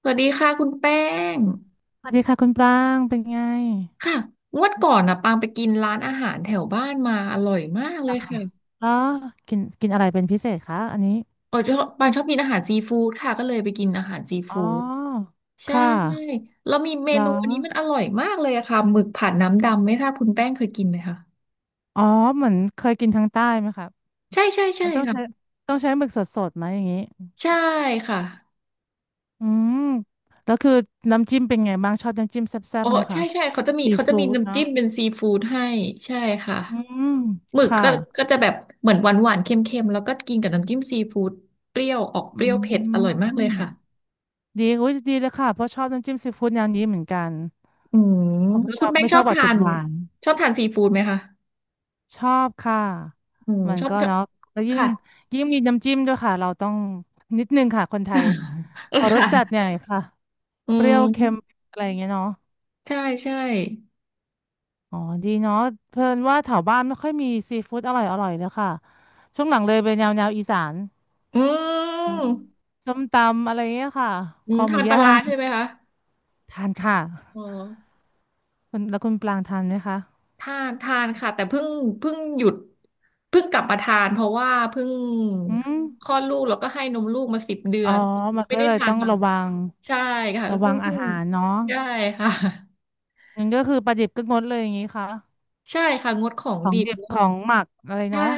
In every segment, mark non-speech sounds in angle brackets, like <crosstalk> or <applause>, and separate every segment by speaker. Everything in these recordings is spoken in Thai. Speaker 1: สวัสดีค่ะคุณแป้ง
Speaker 2: สวัสดีค่ะคุณปรางเป็นไง
Speaker 1: ค่ะงวดก่อนนะปางไปกินร้านอาหารแถวบ้านมาอร่อยมากเล
Speaker 2: ล่ะ
Speaker 1: ย
Speaker 2: ค่ะ
Speaker 1: ค่ะ
Speaker 2: แล้วกินกินอะไรเป็นพิเศษคะอันนี้
Speaker 1: ชอบปางชอบกินอาหารซีฟู้ดค่ะก็เลยไปกินอาหารซี
Speaker 2: อ๋อ
Speaker 1: ฟู้ดใช่
Speaker 2: ค่ะ
Speaker 1: แล้วมีเม
Speaker 2: แล้
Speaker 1: นูอั
Speaker 2: ว
Speaker 1: นนี้มันอร่อยมากเลยอะค่ะหมึกผัดน้ำดำไม่ทราบคุณแป้งเคยกินไหมคะ
Speaker 2: อ๋อเหมือนเคยกินทางใต้ไหมคะ
Speaker 1: ใช่ใช่ใช่
Speaker 2: มันต้องใช้
Speaker 1: ค่ะ
Speaker 2: ต้องใช้หมึกสดๆไหมอย่างนี้
Speaker 1: ใช่ค่ะ
Speaker 2: อืมแล้วคือน้ำจิ้มเป็นไงบ้างชอบน้ำจิ้มแซ่
Speaker 1: โอ้
Speaker 2: บๆไหม
Speaker 1: ใช่
Speaker 2: คะ
Speaker 1: ใช่เขาจะมี
Speaker 2: ซี
Speaker 1: เขาจะมี
Speaker 2: ฟู้ด
Speaker 1: น้ำ
Speaker 2: เนาะ
Speaker 1: จิ้มเป็นซีฟู้ดให้ใช่ค่ะ
Speaker 2: อืม
Speaker 1: หมึก
Speaker 2: ค่ะ
Speaker 1: ก็ก็จะแบบเหมือนหวานหวานเค็มๆแล้วก็กินกับน้ำจิ้มซีฟู้ดเปรี้ยวออกเป
Speaker 2: อื
Speaker 1: รี้ยวเผ็ดอร่อยมากเลยค่ะ
Speaker 2: มดีอุ้ยดีเลยค่ะเพราะชอบน้ำจิ้มซีฟู้ดแนวนี้เหมือนกัน
Speaker 1: อืม
Speaker 2: ผม
Speaker 1: แล้
Speaker 2: ไม่
Speaker 1: ว
Speaker 2: ช
Speaker 1: คุ
Speaker 2: อ
Speaker 1: ณ
Speaker 2: บ
Speaker 1: แป้ง
Speaker 2: ไม่
Speaker 1: ช
Speaker 2: ช
Speaker 1: อ
Speaker 2: อบ
Speaker 1: บ
Speaker 2: แบบ
Speaker 1: ทา
Speaker 2: ติด
Speaker 1: น
Speaker 2: หวาน
Speaker 1: ชอบทานซีฟู้ดไหมคะ
Speaker 2: ชอบค่ะ
Speaker 1: อืม
Speaker 2: มัน
Speaker 1: ชอบ
Speaker 2: ก็
Speaker 1: ชอบ
Speaker 2: เนาะแล้วยิ่ง
Speaker 1: ค่ะ
Speaker 2: ยิ่งมีน้ำจิ้มด้วยค่ะ เราต้องนิดนึงค่ะคนไทย
Speaker 1: <laughs> เออ
Speaker 2: ขอรส
Speaker 1: ค่ะ
Speaker 2: จัดหน่อยค่ะ
Speaker 1: อื
Speaker 2: เปรี้ยวเค็ม
Speaker 1: ม
Speaker 2: อะไรอย่างเงี้ยเนาะ
Speaker 1: ใช่ใช่
Speaker 2: อ๋อดีเนาะเพิ่นว่าแถวบ้านไม่ค่อยมีซีฟู้ดอร่อยเลยค่ะ ช่วงหลังเลยเป็นแนวอีสาน
Speaker 1: อืม
Speaker 2: ส้มตำอะไรเงี้ยค่ะ
Speaker 1: อื
Speaker 2: ค
Speaker 1: ม
Speaker 2: อห
Speaker 1: ทา
Speaker 2: มู
Speaker 1: นปลา
Speaker 2: ย่า
Speaker 1: ร้า
Speaker 2: ง
Speaker 1: ใช่ไหมคะ
Speaker 2: ทานค่ะ
Speaker 1: อ๋อ
Speaker 2: คุณแล้วคุณปลางทานไหมคะ
Speaker 1: ทานทานค่ะแต่เพิ่งหยุดเพิ่งกลับมาทานเพราะว่าเพิ่ง
Speaker 2: อืม
Speaker 1: คลอดลูกแล้วก็ให้นมลูกมาสิบเดื
Speaker 2: อ๋
Speaker 1: อ
Speaker 2: อ
Speaker 1: น
Speaker 2: มัน
Speaker 1: ไม่
Speaker 2: ก็
Speaker 1: ได้
Speaker 2: เลย
Speaker 1: ทาน
Speaker 2: ต้อง
Speaker 1: มา
Speaker 2: ระวัง
Speaker 1: ใช่ค่ะ
Speaker 2: ระวั
Speaker 1: เพิ่
Speaker 2: ง
Speaker 1: ง
Speaker 2: อา
Speaker 1: เพิ่ง
Speaker 2: หารเนาะ
Speaker 1: ใช่ค่ะ
Speaker 2: งั้นก็คือปลาดิบก็งดเลยอย่างงี้ค่ะ
Speaker 1: ใช่ค่ะงดของ
Speaker 2: ของ
Speaker 1: ดิบ
Speaker 2: ดิบของหมักอะไร
Speaker 1: ใช่
Speaker 2: เนาะ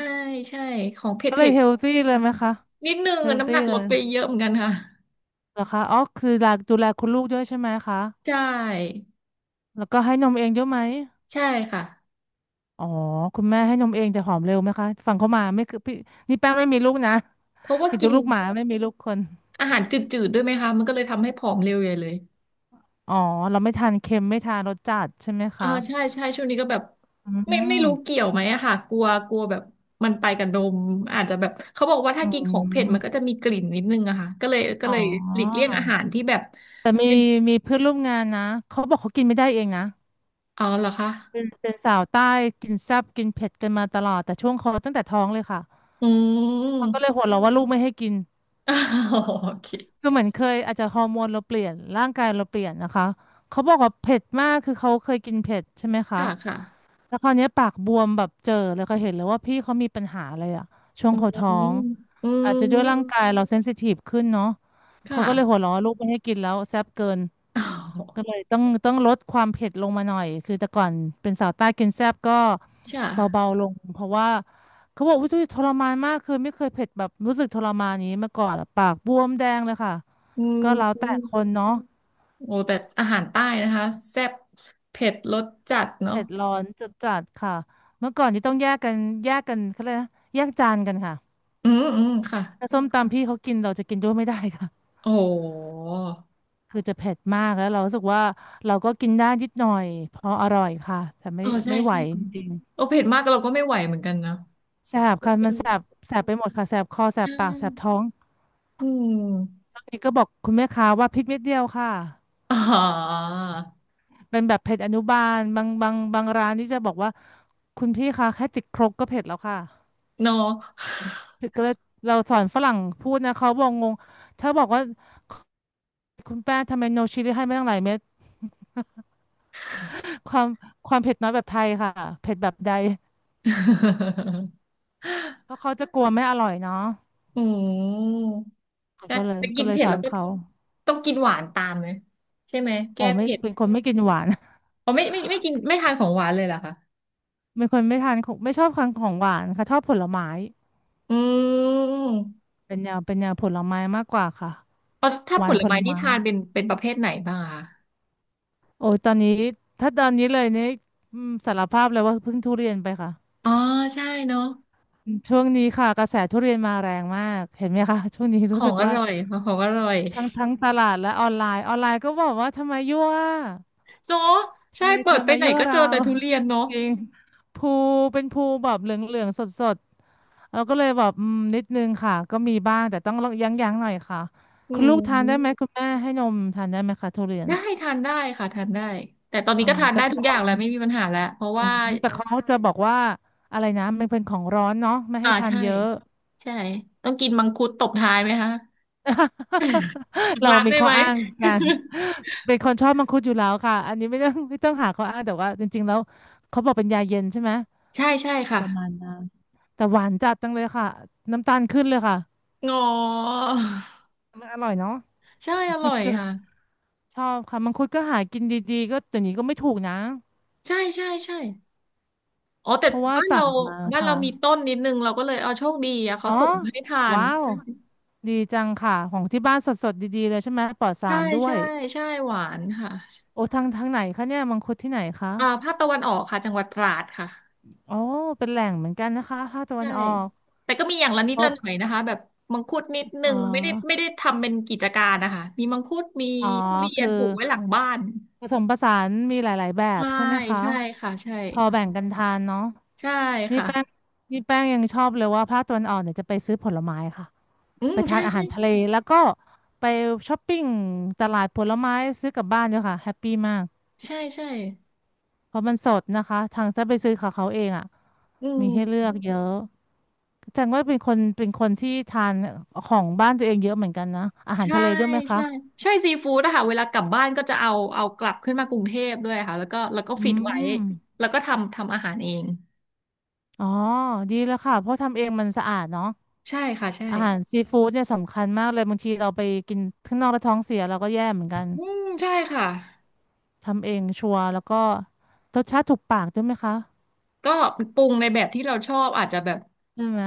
Speaker 1: ใช่ของเผ็ด
Speaker 2: ก็เล
Speaker 1: เผ็
Speaker 2: ย
Speaker 1: ด
Speaker 2: เฮลซี่
Speaker 1: ด้วย
Speaker 2: เลย
Speaker 1: ค่ะ
Speaker 2: ไหมคะ
Speaker 1: นิดนึง
Speaker 2: เฮ
Speaker 1: อะ
Speaker 2: ล
Speaker 1: น้ำห
Speaker 2: ซี่
Speaker 1: นัก
Speaker 2: เล
Speaker 1: ลด
Speaker 2: ย
Speaker 1: ไปเยอะเหมือนกันค่ะ
Speaker 2: เหรอคะอ๋อคือดูแลคุณลูกด้วยใช่ไหมคะ
Speaker 1: ใช่
Speaker 2: แล้วก็ให้นมเองด้วยอะไหม
Speaker 1: ใช่ค่ะ
Speaker 2: อ๋อคุณแม่ให้นมเองแต่หอมเร็วไหมคะฟังเขามาไม่คือพี่นี่แป้งไม่มีลูกนะ
Speaker 1: เพราะ
Speaker 2: <laughs>
Speaker 1: ว่า
Speaker 2: เป็น
Speaker 1: กิ
Speaker 2: แต่
Speaker 1: น
Speaker 2: ลูกหมาไม่มีลูกคน
Speaker 1: อาหารจืดๆด้วยไหมคะมันก็เลยทำให้ผอมเร็วใหญ่เลย
Speaker 2: อ๋อเราไม่ทานเค็มไม่ทานรสจัดใช่ไหม
Speaker 1: อ่า
Speaker 2: คะ
Speaker 1: ใช่ใช่ช่วงนี้ก็แบบ
Speaker 2: อื
Speaker 1: ไม่
Speaker 2: ม
Speaker 1: รู้เกี่ยวไหมอะค่ะกลัวกลัวแบบมันไปกับนมอาจจะแบบเขาบอกว่าถ้า
Speaker 2: อื
Speaker 1: กินของเผ็ดมันก็
Speaker 2: ม
Speaker 1: จะมีกลิ่นนิดนึงอะค่ะก็เลยก็
Speaker 2: อ๋อ
Speaker 1: เลยหลีกเลี่ยงอาหารที่แบบ
Speaker 2: แต่มี
Speaker 1: เป็น
Speaker 2: มีเพื่อนร่วมงานนะเขาบอกเขากินไม่ได้เองนะ
Speaker 1: อ๋อเหรอคะ
Speaker 2: เป็นสาวใต้กินแซ่บกินเผ็ดกันมาตลอดแต่ช่วงเขาตั้งแต่ท้องเลยค่ะ
Speaker 1: อื
Speaker 2: เขาก็เล
Speaker 1: ม
Speaker 2: ยหัวเราะว่าลูกไม่ให้กิน
Speaker 1: <laughs> โอเค
Speaker 2: คือเหมือนเคยอาจจะฮอร์โมนเราเปลี่ยนร่างกายเราเปลี่ยนนะคะเขาบอกว่าเผ็ดมากคือเขาเคยกินเผ็ดใช่ไหมคะ
Speaker 1: ค่ะค่ะ
Speaker 2: แล้วคราวเนี้ยปากบวมแบบเจอเลยค่ะเห็นเลยว่าพี่เขามีปัญหาอะไรอะช่ว
Speaker 1: อื
Speaker 2: งเขา
Speaker 1: ม
Speaker 2: ท้อง
Speaker 1: อื
Speaker 2: อาจจะด้วยร่าง
Speaker 1: ม
Speaker 2: กายเราเซนซิทีฟขึ้นเนาะ
Speaker 1: ค่ะ
Speaker 2: เขาก็เลยหัวเราะว่าลูกไม่ให้กินแล้วแซ่บเกิน
Speaker 1: <laughs> อ๋อ
Speaker 2: ก็เลยต้องลดความเผ็ดลงมาหน่อยคือแต่ก่อนเป็นสาวใต้กินแซ่บก็
Speaker 1: ใช่
Speaker 2: เบาๆลงเพราะว่าเขาบอกว่าทุยทรมานมากคือไม่เคยเผ็ดแบบรู้สึกทรมานยนี้มาก่อนอะปากบวมแดงเลยค่ะ
Speaker 1: อืม
Speaker 2: ก็แล้วแต่คนเนาะ
Speaker 1: โอ้แต่อาหารใต้นะคะแซ่บเผ็ดรสจัดเนาะ
Speaker 2: เผ็ดร้อนจัดจัดค่ะเมื่อก่อนนี่ต้องแยกกันแยกกันเขาเรียกนะแยกจานกันค่ะ
Speaker 1: อืมอืมค่ะ
Speaker 2: ถ้าส้มตำพี่เขากินเราจะกินด้วยไม่ได้ค่ะ
Speaker 1: โอ้โห
Speaker 2: คือจะเผ็ดมากแล้วเรารู้สึกว่าเราก็กินได้นิดหน่อยพออร่อยค่ะแต่
Speaker 1: เอ
Speaker 2: ไม่
Speaker 1: อใช่
Speaker 2: ไม่ไหว
Speaker 1: ใช่
Speaker 2: จริง
Speaker 1: โอ้เผ็ดมากเราก็ไม่ไหวเหมือนกันนะ
Speaker 2: แสบค่ะมัน
Speaker 1: อื
Speaker 2: แสบ
Speaker 1: ม
Speaker 2: แสบไปหมดค่ะแสบคอแส
Speaker 1: ใช่
Speaker 2: บปากแสบท้อง
Speaker 1: อืม
Speaker 2: ตอนนี้ก็บอกคุณแม่ค้าว่าพริกเม็ดเดียวค่ะ
Speaker 1: <laughs> อ๋อ
Speaker 2: เป็นแบบเผ็ดอนุบาลบางร้านนี่จะบอกว่าคุณพี่คะแค่ติดครกก็เผ็ดแล้วค่ะ
Speaker 1: เนอะ
Speaker 2: ก็เลยเราสอนฝรั่งพูดนะเขาบอกงงถ้าบอกว่าคุณแป้ทำไมโนชิลลี่ให้ไม่ตั้งหลายเม็ดความความเผ็ดน้อยแบบไทยค่ะเผ็ดแบบใด
Speaker 1: <laughs>
Speaker 2: เพราะเขาจะกลัวไม่อร่อยเนาะ
Speaker 1: อืม
Speaker 2: เขา
Speaker 1: ใช่
Speaker 2: ก็เลย
Speaker 1: แต่กิ
Speaker 2: ก็
Speaker 1: น
Speaker 2: เลย
Speaker 1: เผ็ด
Speaker 2: สอ
Speaker 1: แล้ว
Speaker 2: น
Speaker 1: ก็
Speaker 2: เขา
Speaker 1: ต้องกินหวานตามเลยใช่ไหม
Speaker 2: อ๋
Speaker 1: แก้
Speaker 2: อไม่
Speaker 1: เผ็ด
Speaker 2: เป็นคนไม่กินหวาน
Speaker 1: อ๋อไม่ไม่ไม่กินไม่ทานของหวานเลยเหรอคะ
Speaker 2: เป็นคนไม่ทานของไม่ชอบทานของหวานค่ะชอบผลไม้
Speaker 1: อืม
Speaker 2: เป็นแนวผลไม้มากกว่าค่ะ
Speaker 1: อ๋อถ้า
Speaker 2: ห
Speaker 1: ผ
Speaker 2: วาน
Speaker 1: ล
Speaker 2: ผ
Speaker 1: ไม้
Speaker 2: ล
Speaker 1: นี่
Speaker 2: ไม้
Speaker 1: ทานเป็นเป็นประเภทไหนบ้างอะคะ
Speaker 2: โอ้ยตอนนี้ถ้าตอนนี้เลยนี่อืมสารภาพเลยว่าเพิ่งทุเรียนไปค่ะ
Speaker 1: อ๋อใช่เนาะ
Speaker 2: ช่วงนี้ค่ะกระแสทุเรียนมาแรงมากเห็นไหมคะ <laughs> ช่วงนี้
Speaker 1: ข
Speaker 2: รู้
Speaker 1: อ
Speaker 2: สึ
Speaker 1: ง
Speaker 2: ก
Speaker 1: อ
Speaker 2: ว่า
Speaker 1: ร่อยของอร่อย
Speaker 2: ทั้งตลาดและออนไลน์ก็บอกว่าทำไมยั่ว
Speaker 1: เนาะ
Speaker 2: ทำ
Speaker 1: ใช่
Speaker 2: ไม
Speaker 1: เปิ
Speaker 2: เธอ
Speaker 1: ดไป
Speaker 2: มา
Speaker 1: ไหน
Speaker 2: ยั่ว
Speaker 1: ก็เจ
Speaker 2: เรา
Speaker 1: อแต่ทุเรียนเนาะ
Speaker 2: <laughs> จริงภูเป็นภูแบบเหลืองๆสดๆเราก็เลยแบบอืมนิดนึงค่ะก็มีบ้างแต่ต้องยั้งๆหน่อยค่ะ
Speaker 1: อื
Speaker 2: คุณลูกทานได้ไหม
Speaker 1: ม
Speaker 2: คุณแม่ให้นมทานได้ไหมคะทุเรียน
Speaker 1: ได้ทานได้ค่ะทานได้แต่ตอน
Speaker 2: ออ
Speaker 1: นี้
Speaker 2: อ
Speaker 1: ก็ทาน
Speaker 2: แต่
Speaker 1: ได้ทุก
Speaker 2: บาง
Speaker 1: อ
Speaker 2: ค
Speaker 1: ย่าง
Speaker 2: น
Speaker 1: แล้วไม่มีปัญหาแล้วเพราะ
Speaker 2: อื
Speaker 1: ว่า
Speaker 2: มแต่เขาจะบอกว่าอะไรนะมันเป็นของร้อนเนาะไม่
Speaker 1: อ่า
Speaker 2: ให้ทาน
Speaker 1: ใช่
Speaker 2: เยอะ
Speaker 1: ใช่ต้องกินมังคุดตบท้ายไหมคะหลั
Speaker 2: <laughs>
Speaker 1: ง
Speaker 2: เรา
Speaker 1: ร้าน
Speaker 2: มี
Speaker 1: ได้
Speaker 2: ข้อ
Speaker 1: ไหม
Speaker 2: อ้างกันเป็นคนชอบมังคุดอยู่แล้วค่ะอันนี้ไม่ต้องหาข้ออ้างแต่ว่าจริงๆแล้วเขาบอกเป็นยาเย็นใช่ไหม
Speaker 1: <laughs> ใช่ใช่ค่ะ
Speaker 2: ประมาณนั้นแต่หวานจัดจังเลยค่ะน้ำตาลขึ้นเลยค่ะ
Speaker 1: งอ
Speaker 2: มันอร่อยเนาะ
Speaker 1: ใช่อร่อยค่ะ
Speaker 2: <laughs> ชอบค่ะมังคุดก็หากินดีๆก็แต่นี้ก็ไม่ถูกนะ
Speaker 1: ใช่ใช่ใช่ อ๋อแต่
Speaker 2: เพราะว่า
Speaker 1: บ้านเรา
Speaker 2: สั่งมา
Speaker 1: บ้านเรา
Speaker 2: ค่ะ
Speaker 1: มีต้นนิดนึงเราก็เลยเอาโชคดีอะเขา
Speaker 2: อ๋อ
Speaker 1: ส่งให้ทาน
Speaker 2: ว้าวดีจังค่ะของที่บ้านสดๆดีๆเลยใช่ไหมปลอดสา
Speaker 1: ใช่
Speaker 2: รด้ว
Speaker 1: ใช่
Speaker 2: ย
Speaker 1: ใช่หวานค่ะ
Speaker 2: โอ้ทางไหนคะเนี่ยมังคุดที่ไหนคะ
Speaker 1: ภาคตะวันออกค่ะจังหวัดตราดค่ะ
Speaker 2: อ๋อเป็นแหล่งเหมือนกันนะคะภาคตะวั
Speaker 1: ใช่
Speaker 2: นออก
Speaker 1: แต่ก็มีอย่างละนิ
Speaker 2: เพ
Speaker 1: ดละ
Speaker 2: ราะ
Speaker 1: หน่อยนะคะแบบมังคุดนิดนึ
Speaker 2: อ๋อ
Speaker 1: งไม่ได้ทำเป็นกิจการนะคะมีมังคุดมี
Speaker 2: อ๋อ
Speaker 1: ทุเรีย
Speaker 2: คื
Speaker 1: น
Speaker 2: อ
Speaker 1: ปลูกไว้หลังบ้าน
Speaker 2: ผสมผสานมีหลายๆแบบ
Speaker 1: ใช่
Speaker 2: ใช่ไหมคะ
Speaker 1: ใช่ค่ะใช่
Speaker 2: พอแบ่งกันทานเนาะ
Speaker 1: ใช่
Speaker 2: นี่
Speaker 1: ค่ะ
Speaker 2: แป้งนี่แป้งยังชอบเลยว่าภาคตะวันออกเนี่ยจะไปซื้อผลไม้ค่ะ
Speaker 1: อื
Speaker 2: ไป
Speaker 1: ม
Speaker 2: ทา
Speaker 1: ใช่
Speaker 2: นอา
Speaker 1: ใช่
Speaker 2: หารทะเล
Speaker 1: ใช่
Speaker 2: แล้วก็ไปช้อปปิ้งตลาดผลไม้ซื้อกลับบ้านด้วยค่ะแฮปปี้มาก
Speaker 1: ใช่ใช่
Speaker 2: เพราะมันสดนะคะทางถ้าไปซื้อของเขาเองอ่ะ
Speaker 1: อืม
Speaker 2: มีให้เลือกเยอะแสดงว่าเป็นคนที่ทานของบ้านตัวเองเยอะเหมือนกันนะอาหาร
Speaker 1: ใช่
Speaker 2: ทะเลด้วยไหมคะ
Speaker 1: ใช่ใช่ซีฟู้ดนะคะเวลากลับบ้านก็จะเอาเอากลับขึ้นมากรุงเทพด้วยค่ะแล้วก็
Speaker 2: อื
Speaker 1: ฟิตไว้
Speaker 2: ม
Speaker 1: แล้วก็ทำอาหารเอง
Speaker 2: อ๋อดีแล้วค่ะเพราะทำเองมันสะอาดเนาะ
Speaker 1: ใช่ค่ะใช่
Speaker 2: อาหารซีฟู้ดเนี่ยสำคัญมากเลยบางทีเราไปกินข้างนอกแล้วท้องเสียเราก็แย่เหมือน
Speaker 1: อ
Speaker 2: กัน
Speaker 1: ืมใช่ค่ะ
Speaker 2: ทำเองชัวร์แล้วก็รสชาติถูกปากด้วยไหมคะ
Speaker 1: ก็ปรุงในแบบที่เราชอบอาจจะแบบ
Speaker 2: ใช่ไหม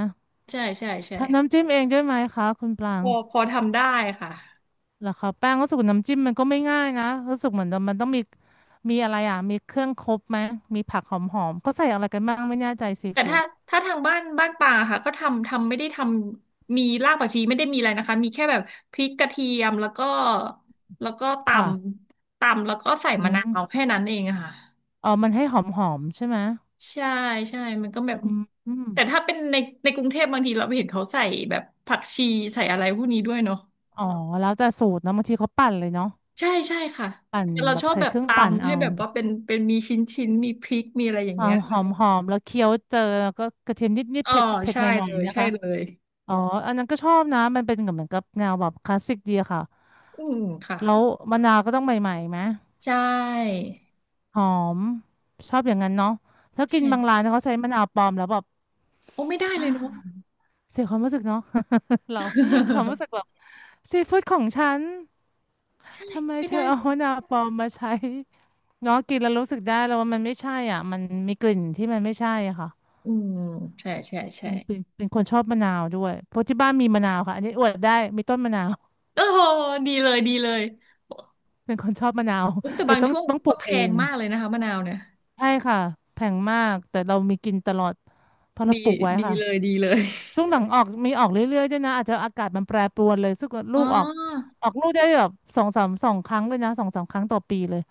Speaker 1: ใช่ใช่ใช่
Speaker 2: ทำน้ำจิ้มเองด้วยไหมคะคุณปรา
Speaker 1: พ
Speaker 2: ง
Speaker 1: อพอทำได้ค่ะ
Speaker 2: เหรอคะแป้งรู้สึกว่าน้ำจิ้มมันก็ไม่ง่ายนะรู้สึกเหมือนมันต้องมีมีอะไรอ่ะมีเครื่องครบไหมมีผักหอมๆก็ใส่อะไรกันบ้างไม่แน่ใจซี
Speaker 1: แต่
Speaker 2: ฟู้
Speaker 1: ถ้า
Speaker 2: ด
Speaker 1: ถ้าทางบ้านบ้านป่าค่ะก็ทำไม่ได้ทำมีรากผักชีไม่ได้มีอะไรนะคะมีแค่แบบพริกกระเทียมแล้วก็แล้วก็ต
Speaker 2: ค่ะ
Speaker 1: ำตำแล้วก็ใส่
Speaker 2: อื
Speaker 1: มะนาว
Speaker 2: ม
Speaker 1: แค่นั้นเองอะค่ะ
Speaker 2: อ๋อมันให้หอมๆใช่ไหม
Speaker 1: ใช่ใช่มันก็แบ
Speaker 2: อื
Speaker 1: บ
Speaker 2: มอม
Speaker 1: แต่ถ้าเป็นในในกรุงเทพบางทีเราไปเห็นเขาใส่แบบผักชีใส่อะไรพวกนี้ด้วยเนาะ
Speaker 2: อ๋อแล้วแต่สูตรเนอะบางทีเขาปั่นเลยเนาะ
Speaker 1: ใช่ใช่ค่ะ
Speaker 2: ปั่น
Speaker 1: แต่เรา
Speaker 2: แบ
Speaker 1: ช
Speaker 2: บ
Speaker 1: อบ
Speaker 2: ใส่
Speaker 1: แบ
Speaker 2: เค
Speaker 1: บ
Speaker 2: รื่องปั่น
Speaker 1: ตำให้
Speaker 2: เอา
Speaker 1: แบบว่าเป็นเป็นมีชิ้นชิ้นมีพริกมีอะไรอย่า
Speaker 2: ค
Speaker 1: ง
Speaker 2: วา
Speaker 1: เงี้ย
Speaker 2: มหอมๆแล้วเคี้ยวเจอแล้วก็กระเทียมนิด
Speaker 1: อ๋อ
Speaker 2: ๆเผ็ดเผ็ด
Speaker 1: ใช่
Speaker 2: หน่อ
Speaker 1: เล
Speaker 2: ยๆ
Speaker 1: ย
Speaker 2: ไหม
Speaker 1: ใช่
Speaker 2: คะ
Speaker 1: เลย
Speaker 2: อ๋ออันนั้นก็ชอบนะมันเป็นเหมือนกับแนวแบบคลาสสิกดีอะค่ะ
Speaker 1: อืมค่ะ
Speaker 2: แล้วมะนาวก็ต้องใหม่ๆไหม
Speaker 1: ใช่
Speaker 2: หอมชอบอย่างนั้นเนาะถ้ากิน
Speaker 1: ใช่
Speaker 2: บางร้านเขาใช้มะนาวปลอมแล้วแบบ
Speaker 1: โอ้ไม่ได้เลยเนาะ
Speaker 2: <gasps> เสียความรู้สึกเนาะ <laughs> เราความ
Speaker 1: <laughs>
Speaker 2: รู้สึกแบบซีฟู้ดของฉัน
Speaker 1: ใช่
Speaker 2: ทำไม
Speaker 1: ไม่
Speaker 2: เธ
Speaker 1: ได้
Speaker 2: อเอา
Speaker 1: เลย
Speaker 2: มะนาวปลอมมาใช้เนาะกินแล้วรู้สึกได้แล้วว่ามันไม่ใช่อ่ะมันมีกลิ่นที่มันไม่ใช่อะค่ะ
Speaker 1: อืมใช่ใช่ใช่
Speaker 2: เป็นคนชอบมะนาวด้วยเพราะที่บ้านมีมะนาวค่ะอันนี้อวดได้มีต้นมะนาว <laughs>
Speaker 1: โอ้โหดีเลยดีเลย
Speaker 2: เป็นคนชอบมะนาว
Speaker 1: อุ๊ยแต่
Speaker 2: เลย
Speaker 1: บาง
Speaker 2: ต้อง
Speaker 1: ช่วง
Speaker 2: ต้องปลู
Speaker 1: ก็
Speaker 2: ก
Speaker 1: แพ
Speaker 2: เอ
Speaker 1: ง
Speaker 2: ง
Speaker 1: มากเลยนะคะมะนาวเนี่ย
Speaker 2: ใช่ค่ะแพงมากแต่เรามีกินตลอดเพราะเรา
Speaker 1: ดี
Speaker 2: ปลูกไว้
Speaker 1: ดี
Speaker 2: ค่ะ
Speaker 1: เลยดีเลย
Speaker 2: ช่วงหลังออกมีออกเรื่อยๆด้วยนะอาจจะอากาศมันแปรปรวนเลยซึ่งลู
Speaker 1: อ๋อ
Speaker 2: กออกออกลูกได้แบบสองสามสองครั้งเลยนะสองสามครั้งต่อปีเลย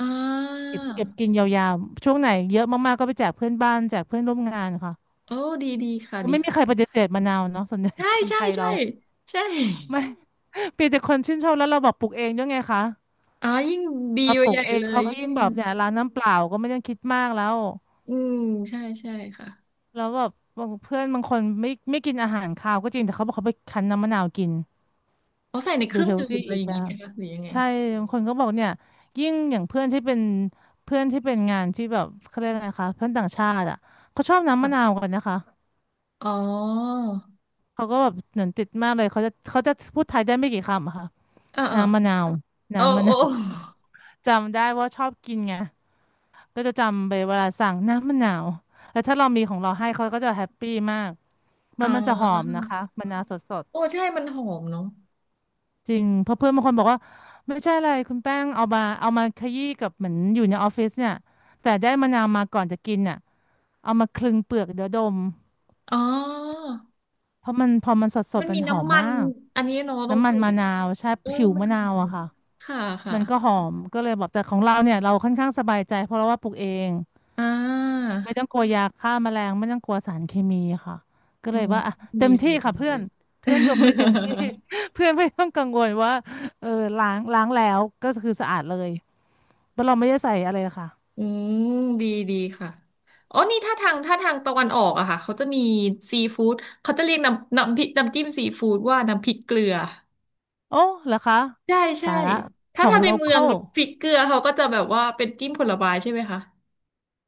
Speaker 1: อ่า
Speaker 2: เก็บกินยาวๆช่วงไหนเยอะมากๆก็ไปแจกเพื่อนบ้านแจกเพื่อนร่วมงานค่ะ
Speaker 1: โอ้ดีดีค่ะ
Speaker 2: ก็
Speaker 1: ดี
Speaker 2: ไม่มีใคร
Speaker 1: ค่ะ
Speaker 2: ปฏิเสธมะนาวเนาะส่วนใหญ่
Speaker 1: ใช่
Speaker 2: <laughs> คน
Speaker 1: ใช่
Speaker 2: ไทย
Speaker 1: ใช่
Speaker 2: เรา
Speaker 1: <laughs> ใช่
Speaker 2: ไม่ <laughs> เีแต่คนชื่นชอบแล้วเราบอกปลูกเองด้วยไงคะ
Speaker 1: อ๋อยิ่งดี
Speaker 2: เรา
Speaker 1: ไป
Speaker 2: ปลู
Speaker 1: ให
Speaker 2: ก
Speaker 1: ญ่
Speaker 2: เอง
Speaker 1: เลย
Speaker 2: เขาก็
Speaker 1: ยิ่ง
Speaker 2: ยิ่งแบบเนี่ยร้านน้ำเปล่าก็ไม่ต้องคิดมากแล้ว
Speaker 1: อืมใช่ใช่ค่ะ
Speaker 2: แล้วแบบบางเพื่อนบางคนไม่กินอาหารคาวก็จริงแต่เขาบอกเขาไปคั้นน้ำมะนาวกิน
Speaker 1: เอาใส่ในเค
Speaker 2: ดู
Speaker 1: รื่อง
Speaker 2: เฮล
Speaker 1: ดื่
Speaker 2: ตี้
Speaker 1: มอะไร
Speaker 2: อี
Speaker 1: อ
Speaker 2: ก
Speaker 1: ย่าง
Speaker 2: แบ
Speaker 1: งี้ไหม
Speaker 2: บ
Speaker 1: คะหรือยังไง
Speaker 2: ใช่บางคนก็บอกเนี่ยยิ่งอย่างเพื่อนที่เป็นเพื่อนที่เป็นงานที่แบบเขาเรียกอะไรคะเพื่อนต่างชาติอ่ะเขาชอบน้ำมะนาวกันนะคะ
Speaker 1: อ๋อ
Speaker 2: เขาก็แบบเหมือนติดมากเลยเขาจะพูดไทยได้ไม่กี่คำอะค่ะ
Speaker 1: เออเออ
Speaker 2: น้ำมะนาว
Speaker 1: โอ้
Speaker 2: น้ำมะ
Speaker 1: โอ้
Speaker 2: นาว <laughs> จำได้ว่าชอบกินไงก็จะจำไปเวลาสั่งน้ำมะนาวแล้วถ้าเรามีของเราให้เขาก็จะแฮปปี้มาก
Speaker 1: <laughs>
Speaker 2: มั
Speaker 1: อ่า
Speaker 2: นมันจะหอมนะคะมะนาวสด
Speaker 1: โอ้ใช่มันหอมเนาะ
Speaker 2: จริงเพราะเพื่อนบางคนบอกว่าไม่ใช่อะไรคุณแป้งเอามาขยี้กับเหมือนอยู่ในออฟฟิศเนี่ยแต่ได้มะนาวมาก่อนจะกินเนี่ยเอามาคลึงเปลือกเดี๋ยวดม
Speaker 1: อ๋อ
Speaker 2: เพราะมันพอมันสด
Speaker 1: มัน
Speaker 2: มั
Speaker 1: มี
Speaker 2: นหอม
Speaker 1: น้ำมั
Speaker 2: มา
Speaker 1: น
Speaker 2: ก
Speaker 1: อันนี้เนาะตรง
Speaker 2: น้ำ
Speaker 1: ก
Speaker 2: มัน
Speaker 1: ลุ่ม
Speaker 2: มะนาวใช่
Speaker 1: เออ
Speaker 2: ผิว
Speaker 1: มัน
Speaker 2: มะนา
Speaker 1: หอ
Speaker 2: ว
Speaker 1: ม
Speaker 2: อะค่ะ
Speaker 1: ค่ะค่ะ
Speaker 2: มันก็หอมก็เลยบอกแต่ของเราเนี่ยเราค่อนข้างสบายใจเพราะเราว่าปลูกเอง
Speaker 1: อ่า
Speaker 2: ไม่ต้องกลัวยาฆ่าแมลงไม่ต้องกลัวสารเคมีค่ะก็
Speaker 1: อื
Speaker 2: เลย
Speaker 1: ม
Speaker 2: ว่าอ่ะเต็
Speaker 1: ดี
Speaker 2: มที่
Speaker 1: เลย
Speaker 2: ค่ะ
Speaker 1: ดี
Speaker 2: เพื่
Speaker 1: เล
Speaker 2: อน
Speaker 1: ย
Speaker 2: เพื่อนดมได้เต็มที่
Speaker 1: <laughs>
Speaker 2: <laughs> เพื่อนไม่ต้องกังวลว่าเออล้างแล้วก็คือสะอาดเลยเพราะเราไม่ได้ใส่อะไรเลยค่ะ
Speaker 1: อืมดีดีค่ะอ๋อนี่ถ้าทางตะวันออกอะค่ะเขาจะมีซีฟู้ดเขาจะเรียกน้ำน้ำพริกน้ำจิ้มซีฟู้ดว่าน้ำพริกเกลือ
Speaker 2: โอ้เหรอคะ
Speaker 1: ใช่ใช่
Speaker 2: ตายละข
Speaker 1: ถ้า
Speaker 2: องโล
Speaker 1: ในเมื
Speaker 2: ค
Speaker 1: อ
Speaker 2: อ
Speaker 1: ง
Speaker 2: ล
Speaker 1: พริกเกลือเขาก็จะแบบว่าเป็นจิ้มผลไม้ใช่ไหมคะ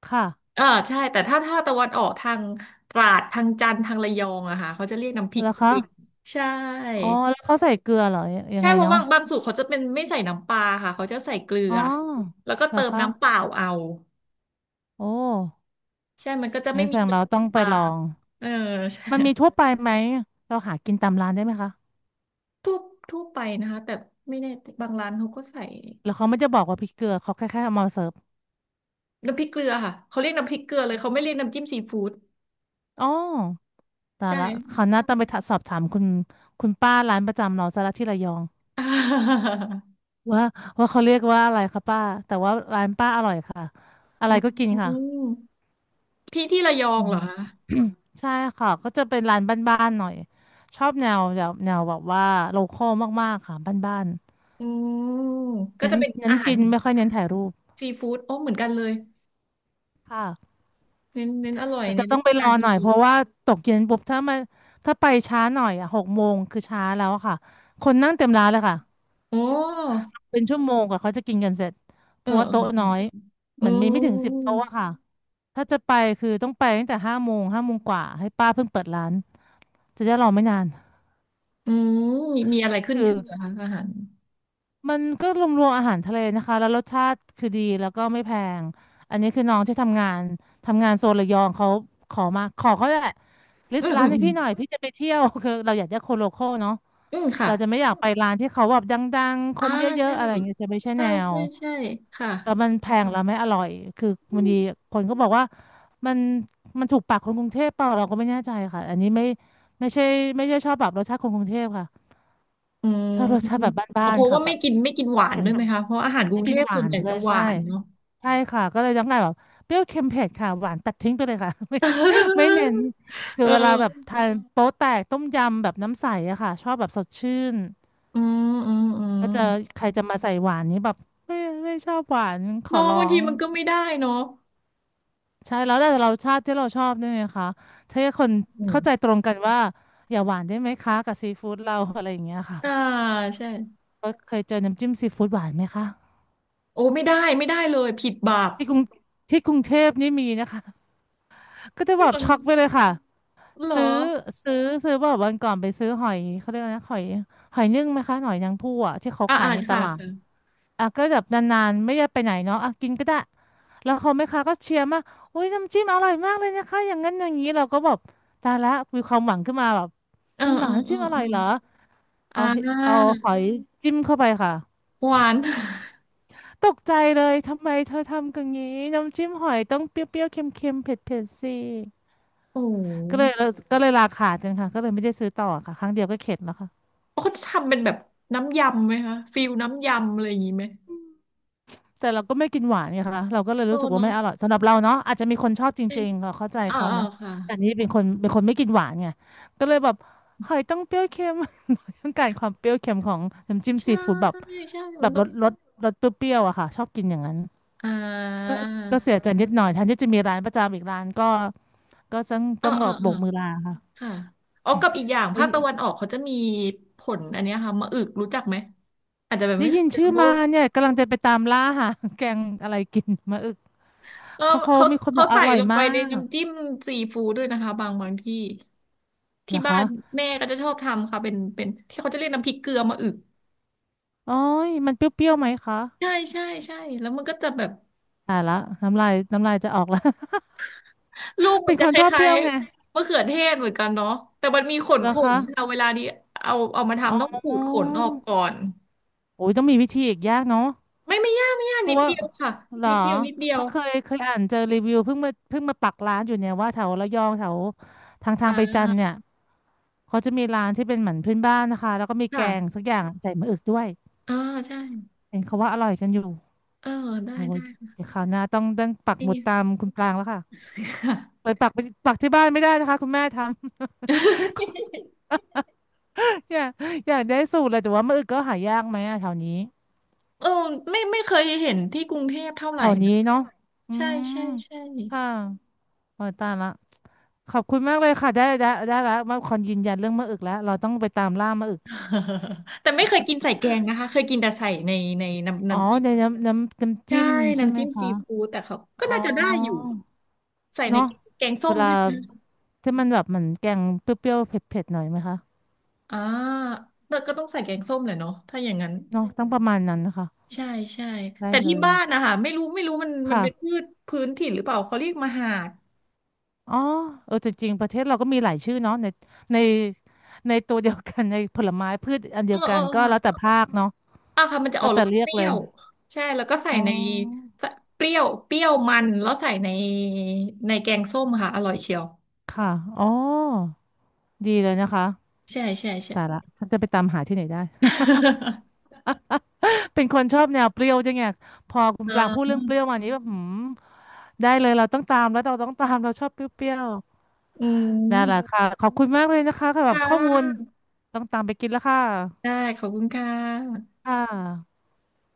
Speaker 2: ค่ะ
Speaker 1: เออใช่แต่ถ้าตะวันออกทางตราดทางจันทร์ทางระยองอะค่ะเขาจะเรียกน้ำพริ
Speaker 2: เห
Speaker 1: ก
Speaker 2: รอ
Speaker 1: เก
Speaker 2: คะ
Speaker 1: ลือใช่
Speaker 2: อ๋อแล้วเขาใส่เกลือเหรอยัง
Speaker 1: ใช่
Speaker 2: ไง
Speaker 1: เพราะ
Speaker 2: เนาะ
Speaker 1: บางสูตรเขาจะเป็นไม่ใส่น้ำปลาค่ะเขาจะใส่เกลื
Speaker 2: อ๋
Speaker 1: อ
Speaker 2: อ
Speaker 1: แล้วก็
Speaker 2: เหรอ
Speaker 1: เติม
Speaker 2: คะ
Speaker 1: น้ำเปล่าเอา
Speaker 2: โอ้
Speaker 1: ใช่มันก็จะไม่
Speaker 2: งั้นแส
Speaker 1: มี
Speaker 2: ดง
Speaker 1: กลิ่
Speaker 2: เราต้อง
Speaker 1: น
Speaker 2: ไป
Speaker 1: ปา
Speaker 2: ลอ
Speaker 1: ก
Speaker 2: ง
Speaker 1: เออใช่
Speaker 2: มันมีทั่วไปไหมเราหากินตามร้านได้ไหมคะ
Speaker 1: ทั่วไปนะคะแต่ไม่แน่บางร้านเขาก็ใส่
Speaker 2: แล้วเขาไม่จะบอกว่าพริกเกลือเขาแค่เอามาเสิร์ฟ
Speaker 1: น้ำพริกเกลือค่ะเขาเรียกน้ำพริกเกลือเลย เขาไม่เรียกน้ำจิ้มซีฟู้ด
Speaker 2: อ๋อแต่
Speaker 1: ใช่
Speaker 2: ละเขาวหน้าต้องไปถาสอบถามคุณป้าร้านประจำเราซะละที่ระยอง
Speaker 1: <laughs> อา
Speaker 2: ว่าว่าเขาเรียกว่าอะไรคะป้าแต่ว่าร้านป้าอร่อยค่ะอะไรก็กิน
Speaker 1: อื
Speaker 2: ค่ะ
Speaker 1: มที่ระยอ
Speaker 2: อื
Speaker 1: งเห
Speaker 2: ม
Speaker 1: รอคะ
Speaker 2: <coughs> ใช่ค่ะก็จะเป็นร้านบ้านๆหน่อยชอบแนวแบบว่าโลคอลมากๆค่ะบ้าน
Speaker 1: อืม
Speaker 2: ๆ
Speaker 1: ก็
Speaker 2: นั้
Speaker 1: จะ
Speaker 2: น
Speaker 1: เป็น
Speaker 2: นั้
Speaker 1: อา
Speaker 2: น
Speaker 1: หาร
Speaker 2: กินไม่ค่อยเน้นถ่ายรูป
Speaker 1: ซีฟู้ดโอ้เหมือนกันเลย
Speaker 2: ค่ะ
Speaker 1: เน้นอร่อย
Speaker 2: ก็
Speaker 1: เน้
Speaker 2: จะ
Speaker 1: น
Speaker 2: ต้อ
Speaker 1: รา
Speaker 2: งไปร
Speaker 1: คา
Speaker 2: อ
Speaker 1: ดี
Speaker 2: หน่อยเพราะว่าตกเย็นปุ๊บถ้ามาถ้าไปช้าหน่อยอ่ะหกโมงคือช้าแล้วอะค่ะคนนั่งเต็มร้านเลยค่ะ
Speaker 1: โอ้
Speaker 2: เป็นชั่วโมงกว่าเขาจะกินกันเสร็จเพ
Speaker 1: เอ
Speaker 2: ราะว่าโต๊ะน้อ
Speaker 1: อ
Speaker 2: ย
Speaker 1: เอ
Speaker 2: เห
Speaker 1: ออื
Speaker 2: มือนมีไม่ถึงสิบโต๊ะอะ
Speaker 1: ม
Speaker 2: ค่ะถ้าจะไปคือต้องไปตั้งแต่ห้าโมงห้าโมงกว่าให้ป้าเพิ่งเปิดร้านจะได้รอไม่นาน
Speaker 1: อืมมีอะไรขึ้น
Speaker 2: คือ
Speaker 1: ชื่อเหรอคะอาหาร
Speaker 2: มันก็รวมๆอาหารทะเลนะคะแล้วรสชาติคือดีแล้วก็ไม่แพงอันนี้คือน้องที่ทำงานทำงานโซนระยองเขาขอมาขอเขาแหละลิ
Speaker 1: อื
Speaker 2: ส
Speaker 1: ม
Speaker 2: ต์
Speaker 1: อื
Speaker 2: ร้าน
Speaker 1: ม
Speaker 2: ให้
Speaker 1: อืม
Speaker 2: พี่หน่อยพี่จะไปเที่ยว <laughs> คือเราอยากได้คนโลคอลเนาะ
Speaker 1: อืมค่ะ
Speaker 2: เราจะไม่อยากไปร้านที่เขาแบบดังๆค
Speaker 1: อ่า
Speaker 2: นเยอะ
Speaker 1: ใช่
Speaker 2: ๆอะไรอย่างเงี้ยจะไม่ใช่
Speaker 1: ใช่
Speaker 2: แนว
Speaker 1: ใช่ใช่ค่ะ
Speaker 2: แต่มันแพงแล้วไม่อร่อย คือ
Speaker 1: อื
Speaker 2: บางที
Speaker 1: ม
Speaker 2: คนก็บอกว่ามันมันถูกปากคนกรุงเทพเปล่าเราก็ไม่แน่ใจค่ะ อันนี้ไม่ใช่ไม่ใช่ชอบแบบรสชาติคนกรุงเทพค่ะ
Speaker 1: อื
Speaker 2: ชอบรสชาติแบบ
Speaker 1: มพ
Speaker 2: บ้านๆ
Speaker 1: สา์
Speaker 2: ค่ะ
Speaker 1: ว่า
Speaker 2: แบ
Speaker 1: ไม่
Speaker 2: บ
Speaker 1: กินไม่กินหวาน
Speaker 2: เค็ม
Speaker 1: ด้วยไหมคะเพราะอาหารกรุ
Speaker 2: ไม่
Speaker 1: งเท
Speaker 2: กิน
Speaker 1: พ
Speaker 2: ห
Speaker 1: ส่
Speaker 2: วา
Speaker 1: วน
Speaker 2: น
Speaker 1: ใหญ่
Speaker 2: เล
Speaker 1: จะ
Speaker 2: ย
Speaker 1: หวา
Speaker 2: ใช่
Speaker 1: นเนาะ
Speaker 2: ใช่ค่ะก็เลยต้องการแบบเปรี้ยวเค็มเผ็ดค่ะหวานตัดทิ้งไปเลยค่ะ <laughs> ไม่เน้น
Speaker 1: <laughs>
Speaker 2: คือ
Speaker 1: เ
Speaker 2: เวลาแบบ
Speaker 1: ออ
Speaker 2: ทานโป๊แตกต้มยำแบบน้ำใสอะค่ะชอบแบบสดชื่น
Speaker 1: อืมอืมอืม
Speaker 2: ก็จะใครจะมาใส่หวานนี้แบบไม่ไม่ชอบหวานขอ
Speaker 1: เน้อง
Speaker 2: ร้อ
Speaker 1: บางที
Speaker 2: ง
Speaker 1: มันก็ไม่ได้เนาะ
Speaker 2: ใช่แล้วแต่เราชาติที่เราชอบด้วยไหมคะถ้าคน
Speaker 1: อืม
Speaker 2: เข้าใจตรงกันว่าอย่าหวานได้ไหมคะกับซีฟู้ดเราอะไรอย่างเงี้ยค่ะ
Speaker 1: อ่าใช่
Speaker 2: ก็เคยเจอน้ำจิ้มซีฟู้ดหวานไหมคะ
Speaker 1: โอ้ไม่ได้ไม่ได้เลยผิดบาป
Speaker 2: ที่กรุงที่กรุงเทพนี่มีนะคะก็จะแบ
Speaker 1: นี่
Speaker 2: บ
Speaker 1: เหรอ
Speaker 2: ช็อกไปเลยค่ะ
Speaker 1: เหรอ
Speaker 2: ซื้อซื้อแบบวันก่อนไปซื้อหอยเขาเรียกอะไรนะหอยหอยนึ่งไหมคะหอยนางผู้อะที่เขา
Speaker 1: อ่า
Speaker 2: ขาย
Speaker 1: อ่า
Speaker 2: ในต
Speaker 1: ค่ะ
Speaker 2: ลาด
Speaker 1: ค่ะ
Speaker 2: อ่ะก็แบบนานๆไม่ได้ไปไหนเนาะอ่ะกินก็ได้แล้วเขาแม่ค้าก็เชียร์มากอุ้ยน้ำจิ้มอร่อยมากเลยนะคะอย่างนั้นอย่างนี้เราก็แบบตายละมีความหวังขึ้นมาแบบ
Speaker 1: เออ
Speaker 2: จริงเหร
Speaker 1: เอ
Speaker 2: อ
Speaker 1: อ
Speaker 2: น้ำ
Speaker 1: เออ
Speaker 2: จิ้มอ
Speaker 1: เอ
Speaker 2: ร่อ
Speaker 1: อ
Speaker 2: ยเหรอ
Speaker 1: อ่
Speaker 2: เอาเฮเอา
Speaker 1: า
Speaker 2: หอยจิ้มเข้าไปค่ะ
Speaker 1: หวาน <laughs>
Speaker 2: ตกใจเลยทำไมเธอทำกันงี้น้ำจิ้มหอยต้องเปรี้ยวๆเค็มๆเผ็ดๆสิ
Speaker 1: โอ้โ
Speaker 2: ก็เลย
Speaker 1: ห
Speaker 2: ก็เลยราขาดกันค่ะก็เลยไม่ได้ซื้อต่อค่ะครั้งเดียวก็เข็ดแล้วค่ะ
Speaker 1: เขาจะทำเป็นแบบน้ำยำไหมคะฟิลน้ำยำอะไรอย่างงี้ไหม
Speaker 2: แต่เราก็ไม่กินหวานไงคะเราก็เลย
Speaker 1: โต
Speaker 2: รู้สึกว่า
Speaker 1: เนาะ
Speaker 2: ไม่อร่อยสำหรับเราเนาะอาจจะมีคนชอบจ
Speaker 1: เอะ
Speaker 2: ริงๆเราเข้าใจ
Speaker 1: อ่า
Speaker 2: เขา
Speaker 1: อ่า
Speaker 2: เนาะ
Speaker 1: ค่ะ
Speaker 2: แต่นี่เป็นคนเป็นคนไม่กินหวานไงก็เลยแบบหอยต้องเปรี้ยวเค็ม <laughs> ต้องการความเปรี้ยวเค็มของน้ำจิ้ม
Speaker 1: ใช่
Speaker 2: ซีฟู้ดแบบ
Speaker 1: ใช่
Speaker 2: แบ
Speaker 1: มัน
Speaker 2: บ
Speaker 1: ต้อง
Speaker 2: รสเปรี้ยวๆอะค่ะชอบกินอย่างนั้น
Speaker 1: อ่
Speaker 2: ก็
Speaker 1: า
Speaker 2: ก็เสียใจนิดหน่อยแทนที่จะมีร้านประจำอีกร้านก็ต้อง
Speaker 1: อ่า
Speaker 2: ต้องแบ
Speaker 1: อ่า
Speaker 2: บโบ
Speaker 1: อ่า
Speaker 2: กมือลาค่ะ
Speaker 1: ค่ะอ๋อกับอีกอย่าง
Speaker 2: ได้
Speaker 1: ภาคตะวันออกเขาจะมีผลอันเนี้ยค่ะมะอึกรู้จักไหมอาจจะแบบ
Speaker 2: ได้
Speaker 1: ไม่เค
Speaker 2: ยิ
Speaker 1: ย
Speaker 2: น
Speaker 1: เจอ
Speaker 2: ชื่อ
Speaker 1: เพ
Speaker 2: มา
Speaker 1: ราะ
Speaker 2: เนี่ยกำลังจะไปตามล่าหาแกงอะไรกินมาอึก
Speaker 1: เออ
Speaker 2: เขา
Speaker 1: เขา
Speaker 2: มีคนบอกอ
Speaker 1: ใส่
Speaker 2: ร่อย
Speaker 1: ลงไป
Speaker 2: มา
Speaker 1: ใน
Speaker 2: ก
Speaker 1: น้ำจิ้
Speaker 2: เ
Speaker 1: มซีฟู้ดด้วยนะคะบางที่
Speaker 2: หร
Speaker 1: ที่
Speaker 2: อ
Speaker 1: บ้า
Speaker 2: คะ
Speaker 1: นแม่ก็จะชอบทำค่ะเป็นที่เขาจะเรียกน้ำพริกเกลือมะอึก
Speaker 2: โอ้ยมันเปรี้ยวๆไหมคะ
Speaker 1: ใช่ใช่ใช่แล้วมันก็จะแบบ
Speaker 2: ตายละน้ำลายน้ำลายจะออกแล้ว
Speaker 1: ลูก
Speaker 2: <laughs>
Speaker 1: มั
Speaker 2: เป็
Speaker 1: น
Speaker 2: น
Speaker 1: จะ
Speaker 2: คน
Speaker 1: ค
Speaker 2: ชอบเป
Speaker 1: ล้า
Speaker 2: รี้
Speaker 1: ย
Speaker 2: ยวไง
Speaker 1: ๆมะเขือเทศเหมือนกันเนาะแต่มันมีขน
Speaker 2: เหรอคะ
Speaker 1: ค่ะเวลานี้เอามา
Speaker 2: อ๋
Speaker 1: ทำต้อง
Speaker 2: อ
Speaker 1: ขูดขนออกก่อน
Speaker 2: โอ้ยต้องมีวิธีอีกยากเนาะ
Speaker 1: ไม่ไม่ยากไม่ยาก
Speaker 2: เพ
Speaker 1: นิ
Speaker 2: ราะ
Speaker 1: ด
Speaker 2: ว่า
Speaker 1: เดียวค่ะ
Speaker 2: เหรอ
Speaker 1: นิดเดียวนิดเดีย
Speaker 2: เพ
Speaker 1: ว
Speaker 2: ราะเคยอ่านเจอรีวิวเพิ่งมาปักร้านอยู่เนี่ยว่าแถวระยองแถวทางไปจันท
Speaker 1: อ่า
Speaker 2: ร์เนี่ยเขาจะมีร้านที่เป็นเหมือนพื้นบ้านนะคะแล้วก็มีแกง
Speaker 1: ค่ะ
Speaker 2: สักอย่างใส่มะอึกด้วย
Speaker 1: อ่าใช่
Speaker 2: เห็นเขาว่าอร่อยกันอยู่
Speaker 1: เออได้
Speaker 2: โอ้ย
Speaker 1: ได้ <laughs> ค่ะ
Speaker 2: เดี๋ยวคราวหน้าต้องปักห
Speaker 1: นี่
Speaker 2: มุดตามคุณปรางแล้วค่ะ
Speaker 1: ค
Speaker 2: ไป
Speaker 1: ่ะ
Speaker 2: ปักไปปักที่บ้านไม่ได้นะคะคุณแม่ทำ อยากอยากได้สูตรเลยแต่ว่ามือึก็หายากไหมอะแถวนี้
Speaker 1: เออไม่ไม่เคยเห็นที่กรุงเทพเท่าไห
Speaker 2: แถ
Speaker 1: ร่
Speaker 2: วนี้
Speaker 1: นะ
Speaker 2: เนาะอื
Speaker 1: ใช่
Speaker 2: ม
Speaker 1: ใช่ใช่
Speaker 2: ค่ะโอ้ยตายละขอบคุณมากเลยค่ะได้ได้ได้แลวมาคอนยืนยันเรื่องมะอึกแล้วเราต้องไปตามล่ามะอึก
Speaker 1: <laughs> แต่ไม่เคยกินใส่แกงนะคะเคยกินแต่ใส่ในในน้ำ
Speaker 2: อ๋อ
Speaker 1: จิ้ม
Speaker 2: ในน้ำน้ำน้ำ
Speaker 1: ใช่
Speaker 2: จิ้มใช่
Speaker 1: น้ำ
Speaker 2: ไหม
Speaker 1: จิ้ม
Speaker 2: คะ
Speaker 1: ซีฟู้ดแต่เขาก็
Speaker 2: อ๋อ
Speaker 1: น่าจะได้อยู่ใส่ใน
Speaker 2: เนาะ
Speaker 1: แกงส้
Speaker 2: เว
Speaker 1: ม
Speaker 2: ลา
Speaker 1: ด้วยนะ
Speaker 2: ที่มันแบบเหมือนแกงเปรี้ยวๆเผ็ดๆหน่อยไหมคะ
Speaker 1: อ่าแต่ก็ต้องใส่แกงส้มแหละเนาะถ้าอย่างนั้น
Speaker 2: เนาะต้องประมาณนั้นนะคะ
Speaker 1: ใช่ใช่
Speaker 2: ได้
Speaker 1: แต่
Speaker 2: เล
Speaker 1: ที่
Speaker 2: ย
Speaker 1: บ้านนะคะไม่รู้ไม่รู้มันเป็นพื
Speaker 2: ค่ะ
Speaker 1: ชพื้นถิ่นหรือเปล่าเขาเรียกมหาด
Speaker 2: อ๋อเออจริงๆประเทศเราก็มีหลายชื่อเนาะในในตัวเดียวกัน <laughs> ในผลไม้พืชอัน
Speaker 1: เอ
Speaker 2: เดี
Speaker 1: อ
Speaker 2: ยวกั
Speaker 1: เอ
Speaker 2: น
Speaker 1: อ
Speaker 2: ก็แล้ว
Speaker 1: ค่ะ
Speaker 2: แต่ภาคเนาะ
Speaker 1: อ่ะค่ะมันจะอ
Speaker 2: แล้
Speaker 1: อ
Speaker 2: ว
Speaker 1: กร
Speaker 2: แต่
Speaker 1: ส
Speaker 2: เรีย
Speaker 1: เป
Speaker 2: ก
Speaker 1: รี้
Speaker 2: เล
Speaker 1: ย
Speaker 2: ย
Speaker 1: วใช่แล้วก็ใส่
Speaker 2: อ๋
Speaker 1: ใน
Speaker 2: อ
Speaker 1: ใส่เปรี้ยวมันแล้วใส่ในในแกงส้มค่ะอร่อยเชียว
Speaker 2: ค่ะอ๋อดีเลยนะคะ
Speaker 1: ใช่ใช่ใช่
Speaker 2: แต่ละฉันจะไปตามหาที่ไหนได้
Speaker 1: <laughs>
Speaker 2: <laughs> เป็นคนชอบแนวเปรี้ยวจังไงพอคุณ
Speaker 1: อ่
Speaker 2: ปรางพูดเรื่
Speaker 1: า
Speaker 2: องเปรี้ยวมานี้แบบหืมได้เลยเราต้องตามแล้วเราต้องตามเราชอบเปรี้ยว
Speaker 1: อื
Speaker 2: ๆนั่นแหละ
Speaker 1: ม
Speaker 2: ค่ะขอบคุณมากเลยนะคะสำหรั
Speaker 1: ค่
Speaker 2: บข้อมูล
Speaker 1: ะ
Speaker 2: ต้องตามไปกินแล้วค่ะ
Speaker 1: ได้ขอบคุณค่ะ
Speaker 2: ค่ะ